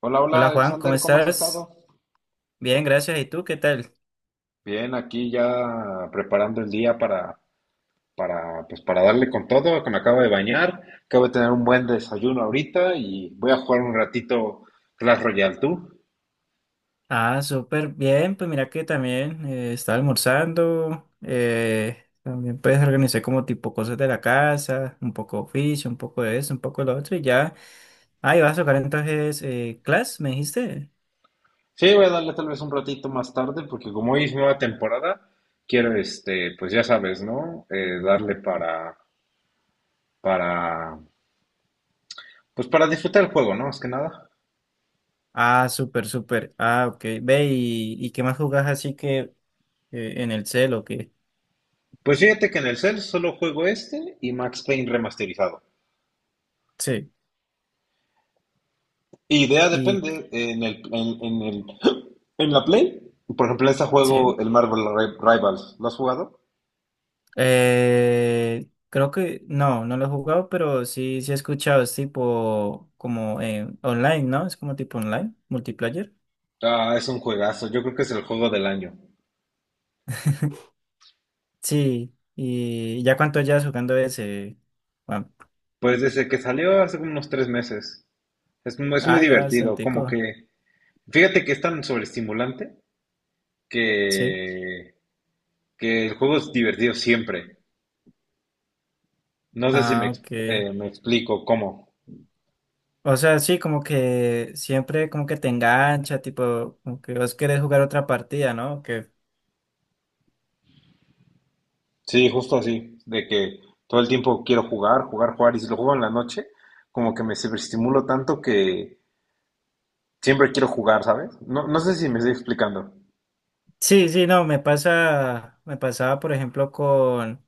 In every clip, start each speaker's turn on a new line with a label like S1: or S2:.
S1: Hola, hola
S2: Hola Juan, ¿cómo
S1: Alexander, ¿cómo has estado?
S2: estás? Bien, gracias. ¿Y tú qué tal?
S1: Bien, aquí ya preparando el día pues para darle con todo, que me acabo de bañar, acabo de tener un buen desayuno ahorita y voy a jugar un ratito Clash Royale, ¿tú?
S2: Ah, súper bien. Pues mira que también estaba almorzando. También pues organizé como tipo cosas de la casa, un poco oficio, un poco de eso, un poco de lo otro y ya. Ah, ¿y vas a tocar entonces Clash, me dijiste?
S1: Sí, voy a darle tal vez un ratito más tarde, porque como hoy es nueva temporada, quiero, pues ya sabes, ¿no? Darle para, pues para disfrutar el juego, ¿no? Más que nada.
S2: Ah, súper, súper. Ah, ok. Ve, ¿y qué más jugás así que en el celo? Que
S1: Pues fíjate que en el cel solo juego este y Max Payne remasterizado.
S2: sí.
S1: Idea
S2: Y
S1: depende en el, en la Play. Por ejemplo, ese
S2: sí.
S1: juego, el Marvel Rivals, ¿lo has jugado?
S2: Creo que no lo he jugado, pero sí, sí he escuchado. Es tipo como online, ¿no? Es como tipo online, multiplayer.
S1: Ah, es un juegazo. Yo creo que es el juego del año.
S2: Sí, ¿y ya cuánto llevas jugando ese, Juan?
S1: Pues desde que salió hace unos 3 meses. Es muy
S2: Ah, ya
S1: divertido.
S2: bastantico,
S1: Como que, fíjate que es tan sobreestimulante
S2: sí.
S1: que, que el juego es divertido siempre. No sé si me,
S2: Ah,
S1: ex-
S2: ok.
S1: eh, me explico cómo.
S2: O sea, sí, como que siempre como que te engancha, tipo, como que vos querés jugar otra partida, ¿no? Que...
S1: Sí, justo así. De que todo el tiempo quiero jugar, jugar, jugar. Y si lo juego en la noche, como que me sobreestimulo tanto que siempre quiero jugar, ¿sabes? No, no sé si me estoy explicando.
S2: Sí, sí, no, me pasa, me pasaba por ejemplo con...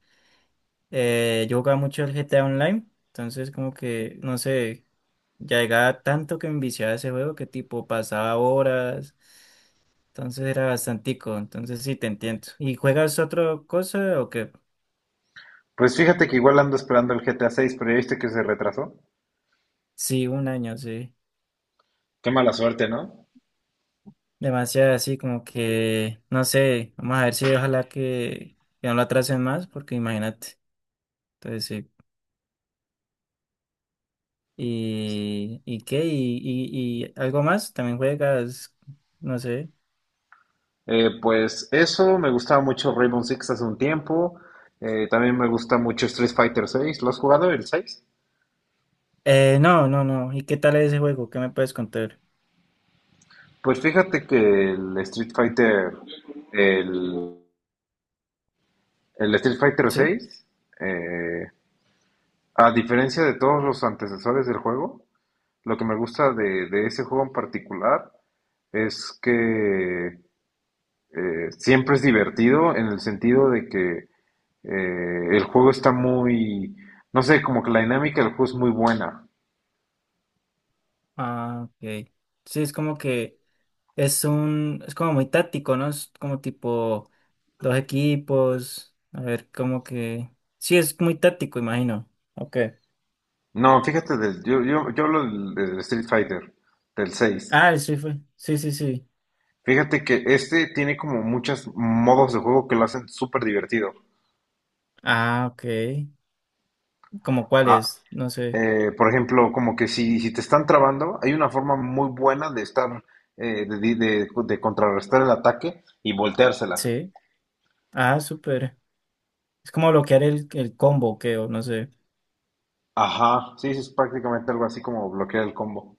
S2: Yo jugaba mucho el GTA Online, entonces como que, no sé, ya llegaba tanto que me viciaba ese juego que tipo pasaba horas, entonces era bastantico, entonces sí te entiendo. ¿Y juegas otra cosa o qué?
S1: Pues fíjate que igual ando esperando el GTA 6, pero ya viste que se retrasó.
S2: Sí, un año, sí.
S1: Qué mala suerte, ¿no?
S2: Demasiado así como que, no sé, vamos a ver si ojalá que no lo atrasen más, porque imagínate, entonces sí. Y qué? ¿Y algo más? ¿También juegas? No sé.
S1: Pues eso, me gustaba mucho Rainbow Six hace un tiempo. También me gusta mucho Street Fighter 6. ¿Lo has jugado el 6?
S2: No, no, no. ¿Y qué tal es ese juego? ¿Qué me puedes contar?
S1: Pues fíjate que el Street Fighter, el, el Street Fighter
S2: ¿Sí?
S1: seis, eh, a diferencia de todos los antecesores del juego, lo que me gusta de ese juego en particular es que siempre es divertido en el sentido de que el juego está muy, no sé, como que la dinámica del juego es muy buena.
S2: Ah, ok. Sí, es como que es un, es como muy táctico, ¿no? Es como tipo dos equipos. A ver, como que. Sí, es muy táctico, imagino. Ok.
S1: No, fíjate, yo hablo del Street Fighter, del 6.
S2: Ah, sí fue. Sí, sí, sí.
S1: Fíjate que este tiene como muchos modos de juego que lo hacen súper divertido.
S2: Ah, ok. ¿Como
S1: Ah,
S2: cuáles? No sé.
S1: por ejemplo, como que si, si te están trabando, hay una forma muy buena de de contrarrestar el ataque y volteársela.
S2: Sí. Ah, súper. Es como bloquear el combo, que, o no sé.
S1: Ajá, sí, sí, es prácticamente algo así como bloquear el combo.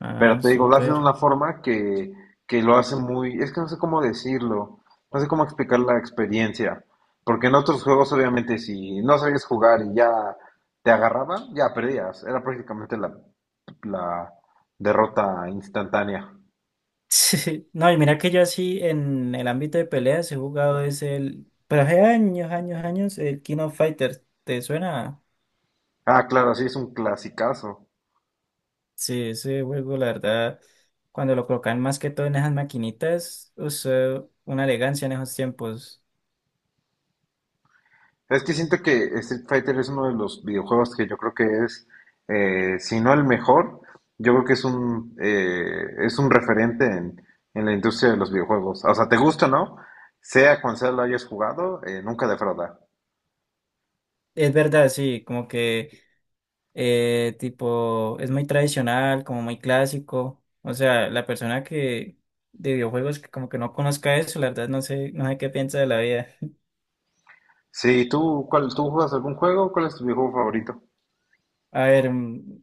S2: Ah,
S1: Pero te digo, lo hacen de
S2: súper.
S1: una forma que lo hace muy, es que no sé cómo decirlo, no sé cómo explicar la experiencia, porque en otros juegos obviamente si no sabías jugar y ya te agarraban, ya perdías, era prácticamente la, la derrota instantánea.
S2: Sí, no, y mira que yo así en el ámbito de peleas he jugado es el, pero hace años, años, años, el King of Fighters, ¿te suena?
S1: Ah, claro, sí, es un clasicazo.
S2: Sí, ese juego, la verdad, cuando lo colocan más que todo en esas maquinitas, usó una elegancia en esos tiempos.
S1: Es que siento que Street Fighter es uno de los videojuegos que yo creo que es, si no el mejor, yo creo que es es un referente en la industria de los videojuegos. O sea, te gusta, ¿no? Sea cual sea lo hayas jugado, nunca defrauda.
S2: Es verdad, sí, como que tipo, es muy tradicional, como muy clásico. O sea, la persona que de videojuegos que como que no conozca eso, la verdad no sé, no sé qué piensa de la vida.
S1: Sí, ¿tú juegas algún juego? ¿Cuál es tu videojuego favorito?
S2: A ver,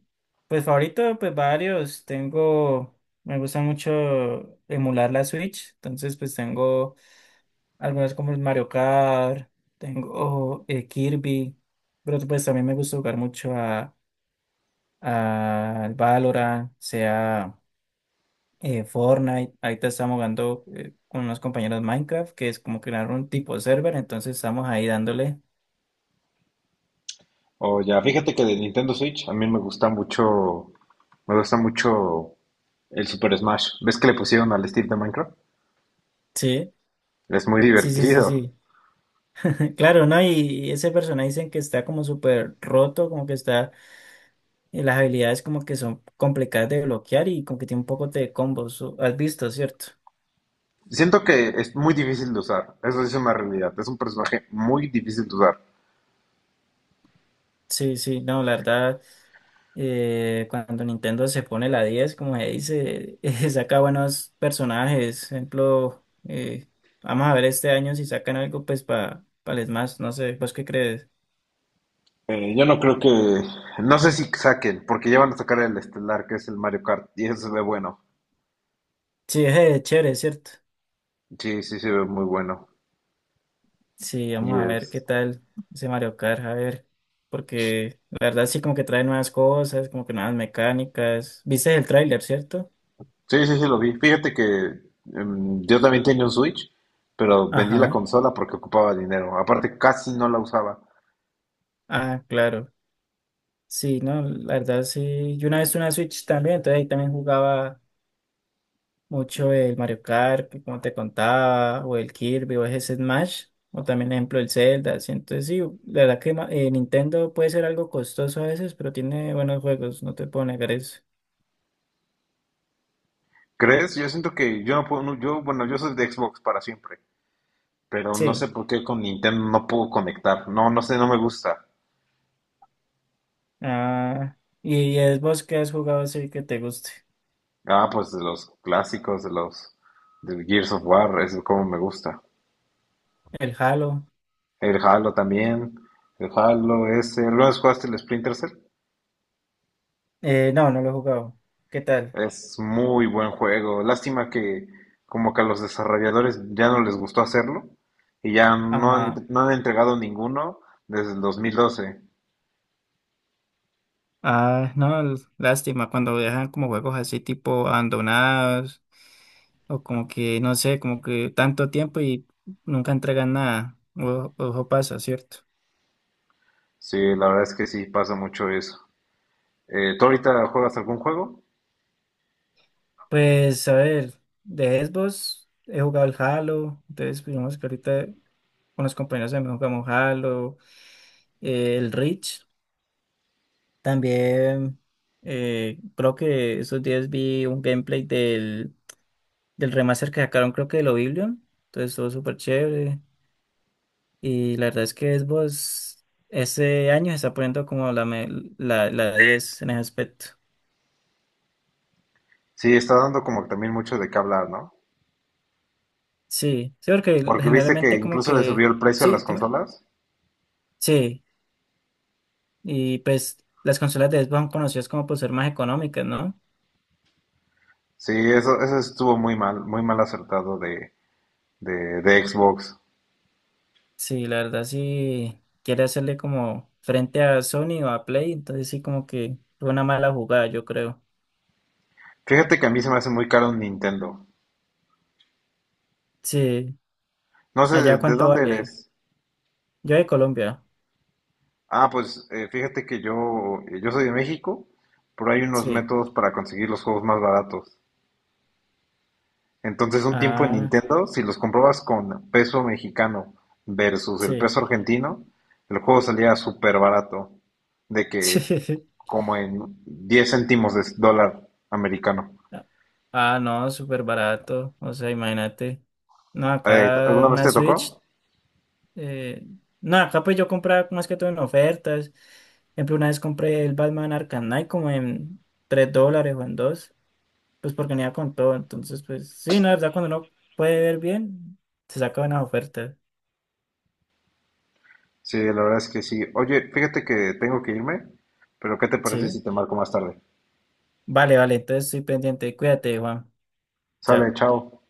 S2: pues favorito, pues varios. Tengo, me gusta mucho emular la Switch, entonces pues tengo algunos como el Mario Kart, tengo Kirby, pero pues también me gusta jugar mucho a al Valorant, sea Fortnite. Ahorita estamos jugando con unos compañeros Minecraft, que es como crear un tipo server, entonces estamos ahí dándole.
S1: O ya, fíjate que de Nintendo Switch a mí me gusta mucho el Super Smash. ¿Ves que le pusieron al estilo de Minecraft?
S2: Sí,
S1: Es muy
S2: sí, sí, sí,
S1: divertido.
S2: sí. Claro, ¿no? Y ese personaje dicen que está como súper roto, como que está, las habilidades como que son complicadas de bloquear y como que tiene un poco de combos. O- ¿Has visto, cierto?
S1: Siento que es muy difícil de usar, eso sí es una realidad, es un personaje muy difícil de usar.
S2: Sí, sí, no, la verdad, cuando Nintendo se pone la 10, como se dice, saca buenos personajes. Ejemplo, vamos a ver este año si sacan algo pues para el Smash, no sé, ¿vos qué crees?
S1: Yo no creo que, no sé si saquen, porque ya van a sacar el estelar, que es el Mario Kart, y eso se ve bueno.
S2: Sí, es chévere, ¿cierto?
S1: Sí, sí, se ve muy bueno.
S2: Sí,
S1: Y
S2: vamos a ver qué
S1: es,
S2: tal ese Mario Kart, a ver, porque la verdad sí como que trae nuevas cosas, como que nuevas mecánicas. ¿Viste el tráiler, cierto?
S1: sí, sí, sí, lo vi. Fíjate que yo también tenía un Switch, pero vendí la
S2: Ajá.
S1: consola porque ocupaba dinero. Aparte, casi no la usaba.
S2: Ah, claro. Sí, no, la verdad sí. Yo una vez tuve una Switch también, entonces ahí también jugaba mucho el Mario Kart, que como te contaba, o el Kirby, o ese Smash, o también ejemplo el Zelda, así. Entonces sí, la verdad que ma- Nintendo puede ser algo costoso a veces, pero tiene buenos juegos, no te puedo negar eso.
S1: ¿Crees? Yo siento que yo no puedo, no, yo, bueno, yo soy de Xbox para siempre, pero no
S2: Sí.
S1: sé por qué con Nintendo no puedo conectar. No, no sé, no me gusta.
S2: Ah, ¿y es vos que has jugado así que te guste?
S1: Ah, pues de los clásicos, de los del Gears of War, es como me gusta.
S2: El Halo.
S1: El Halo también, el Halo ese, ¿alguna vez jugaste el Splinter Cell?
S2: No, no lo he jugado. ¿Qué tal?
S1: Es muy buen juego. Lástima que como que a los desarrolladores ya no les gustó hacerlo y ya no han,
S2: Ajá.
S1: no han entregado ninguno desde el 2012.
S2: Ah, no, l- lástima cuando dejan como juegos así tipo abandonados o como que, no sé, como que tanto tiempo y nunca entregan nada. O- Ojo, pasa, ¿cierto?
S1: Sí, la verdad es que sí pasa mucho eso. ¿Tú ahorita juegas algún juego?
S2: Pues a ver, de Xbox he jugado el Halo, entonces digamos que ahorita con los compañeros también jugamos Halo, el Reach. También creo que esos días vi un gameplay del remaster que sacaron, creo que de Oblivion. Entonces estuvo súper chévere. Y la verdad es que Xbox ese año se está poniendo como la, me- la 10 en ese aspecto.
S1: Sí, está dando como que también mucho de qué hablar, ¿no?
S2: Sí, sí, porque
S1: Porque viste que
S2: generalmente como
S1: incluso le subió
S2: que...
S1: el precio a
S2: Sí,
S1: las
S2: dime.
S1: consolas.
S2: Sí, y pues las consolas de Xbox son conocidas como por ser más económicas, ¿no?
S1: Sí, eso estuvo muy mal acertado de Xbox.
S2: Sí, la verdad sí quiere hacerle como frente a Sony o a Play, entonces sí como que fue una mala jugada, yo creo.
S1: Fíjate que a mí se me hace muy caro un Nintendo.
S2: Sí,
S1: No sé, ¿de,
S2: allá
S1: de
S2: cuánto
S1: ¿dónde
S2: vale.
S1: eres?
S2: Yo de Colombia.
S1: Ah, pues fíjate que yo soy de México, pero hay unos
S2: Sí.
S1: métodos para conseguir los juegos más baratos. Entonces, un tiempo en
S2: Ah,
S1: Nintendo, si los comprobas con peso mexicano versus el
S2: sí.
S1: peso argentino, el juego salía súper barato, de que
S2: Sí.
S1: como en 10 céntimos de dólar americano.
S2: Ah, no, súper barato. O sea, imagínate. No, acá
S1: ¿Alguna vez
S2: una
S1: te tocó?
S2: Switch. eh, no, acá pues yo compraba más que todo en ofertas. Por ejemplo, una vez compré el Batman Arkham Knight como en 3 dólares o en dos, pues porque venía con todo. Entonces, pues sí, no, la verdad, cuando uno puede ver bien, se saca buenas ofertas.
S1: Sí, la verdad es que sí. Oye, fíjate que tengo que irme, pero ¿qué te parece
S2: Sí.
S1: si te marco más tarde?
S2: Vale, vale, entonces estoy pendiente. Cuídate, Juan.
S1: Sale,
S2: Chao.
S1: chao.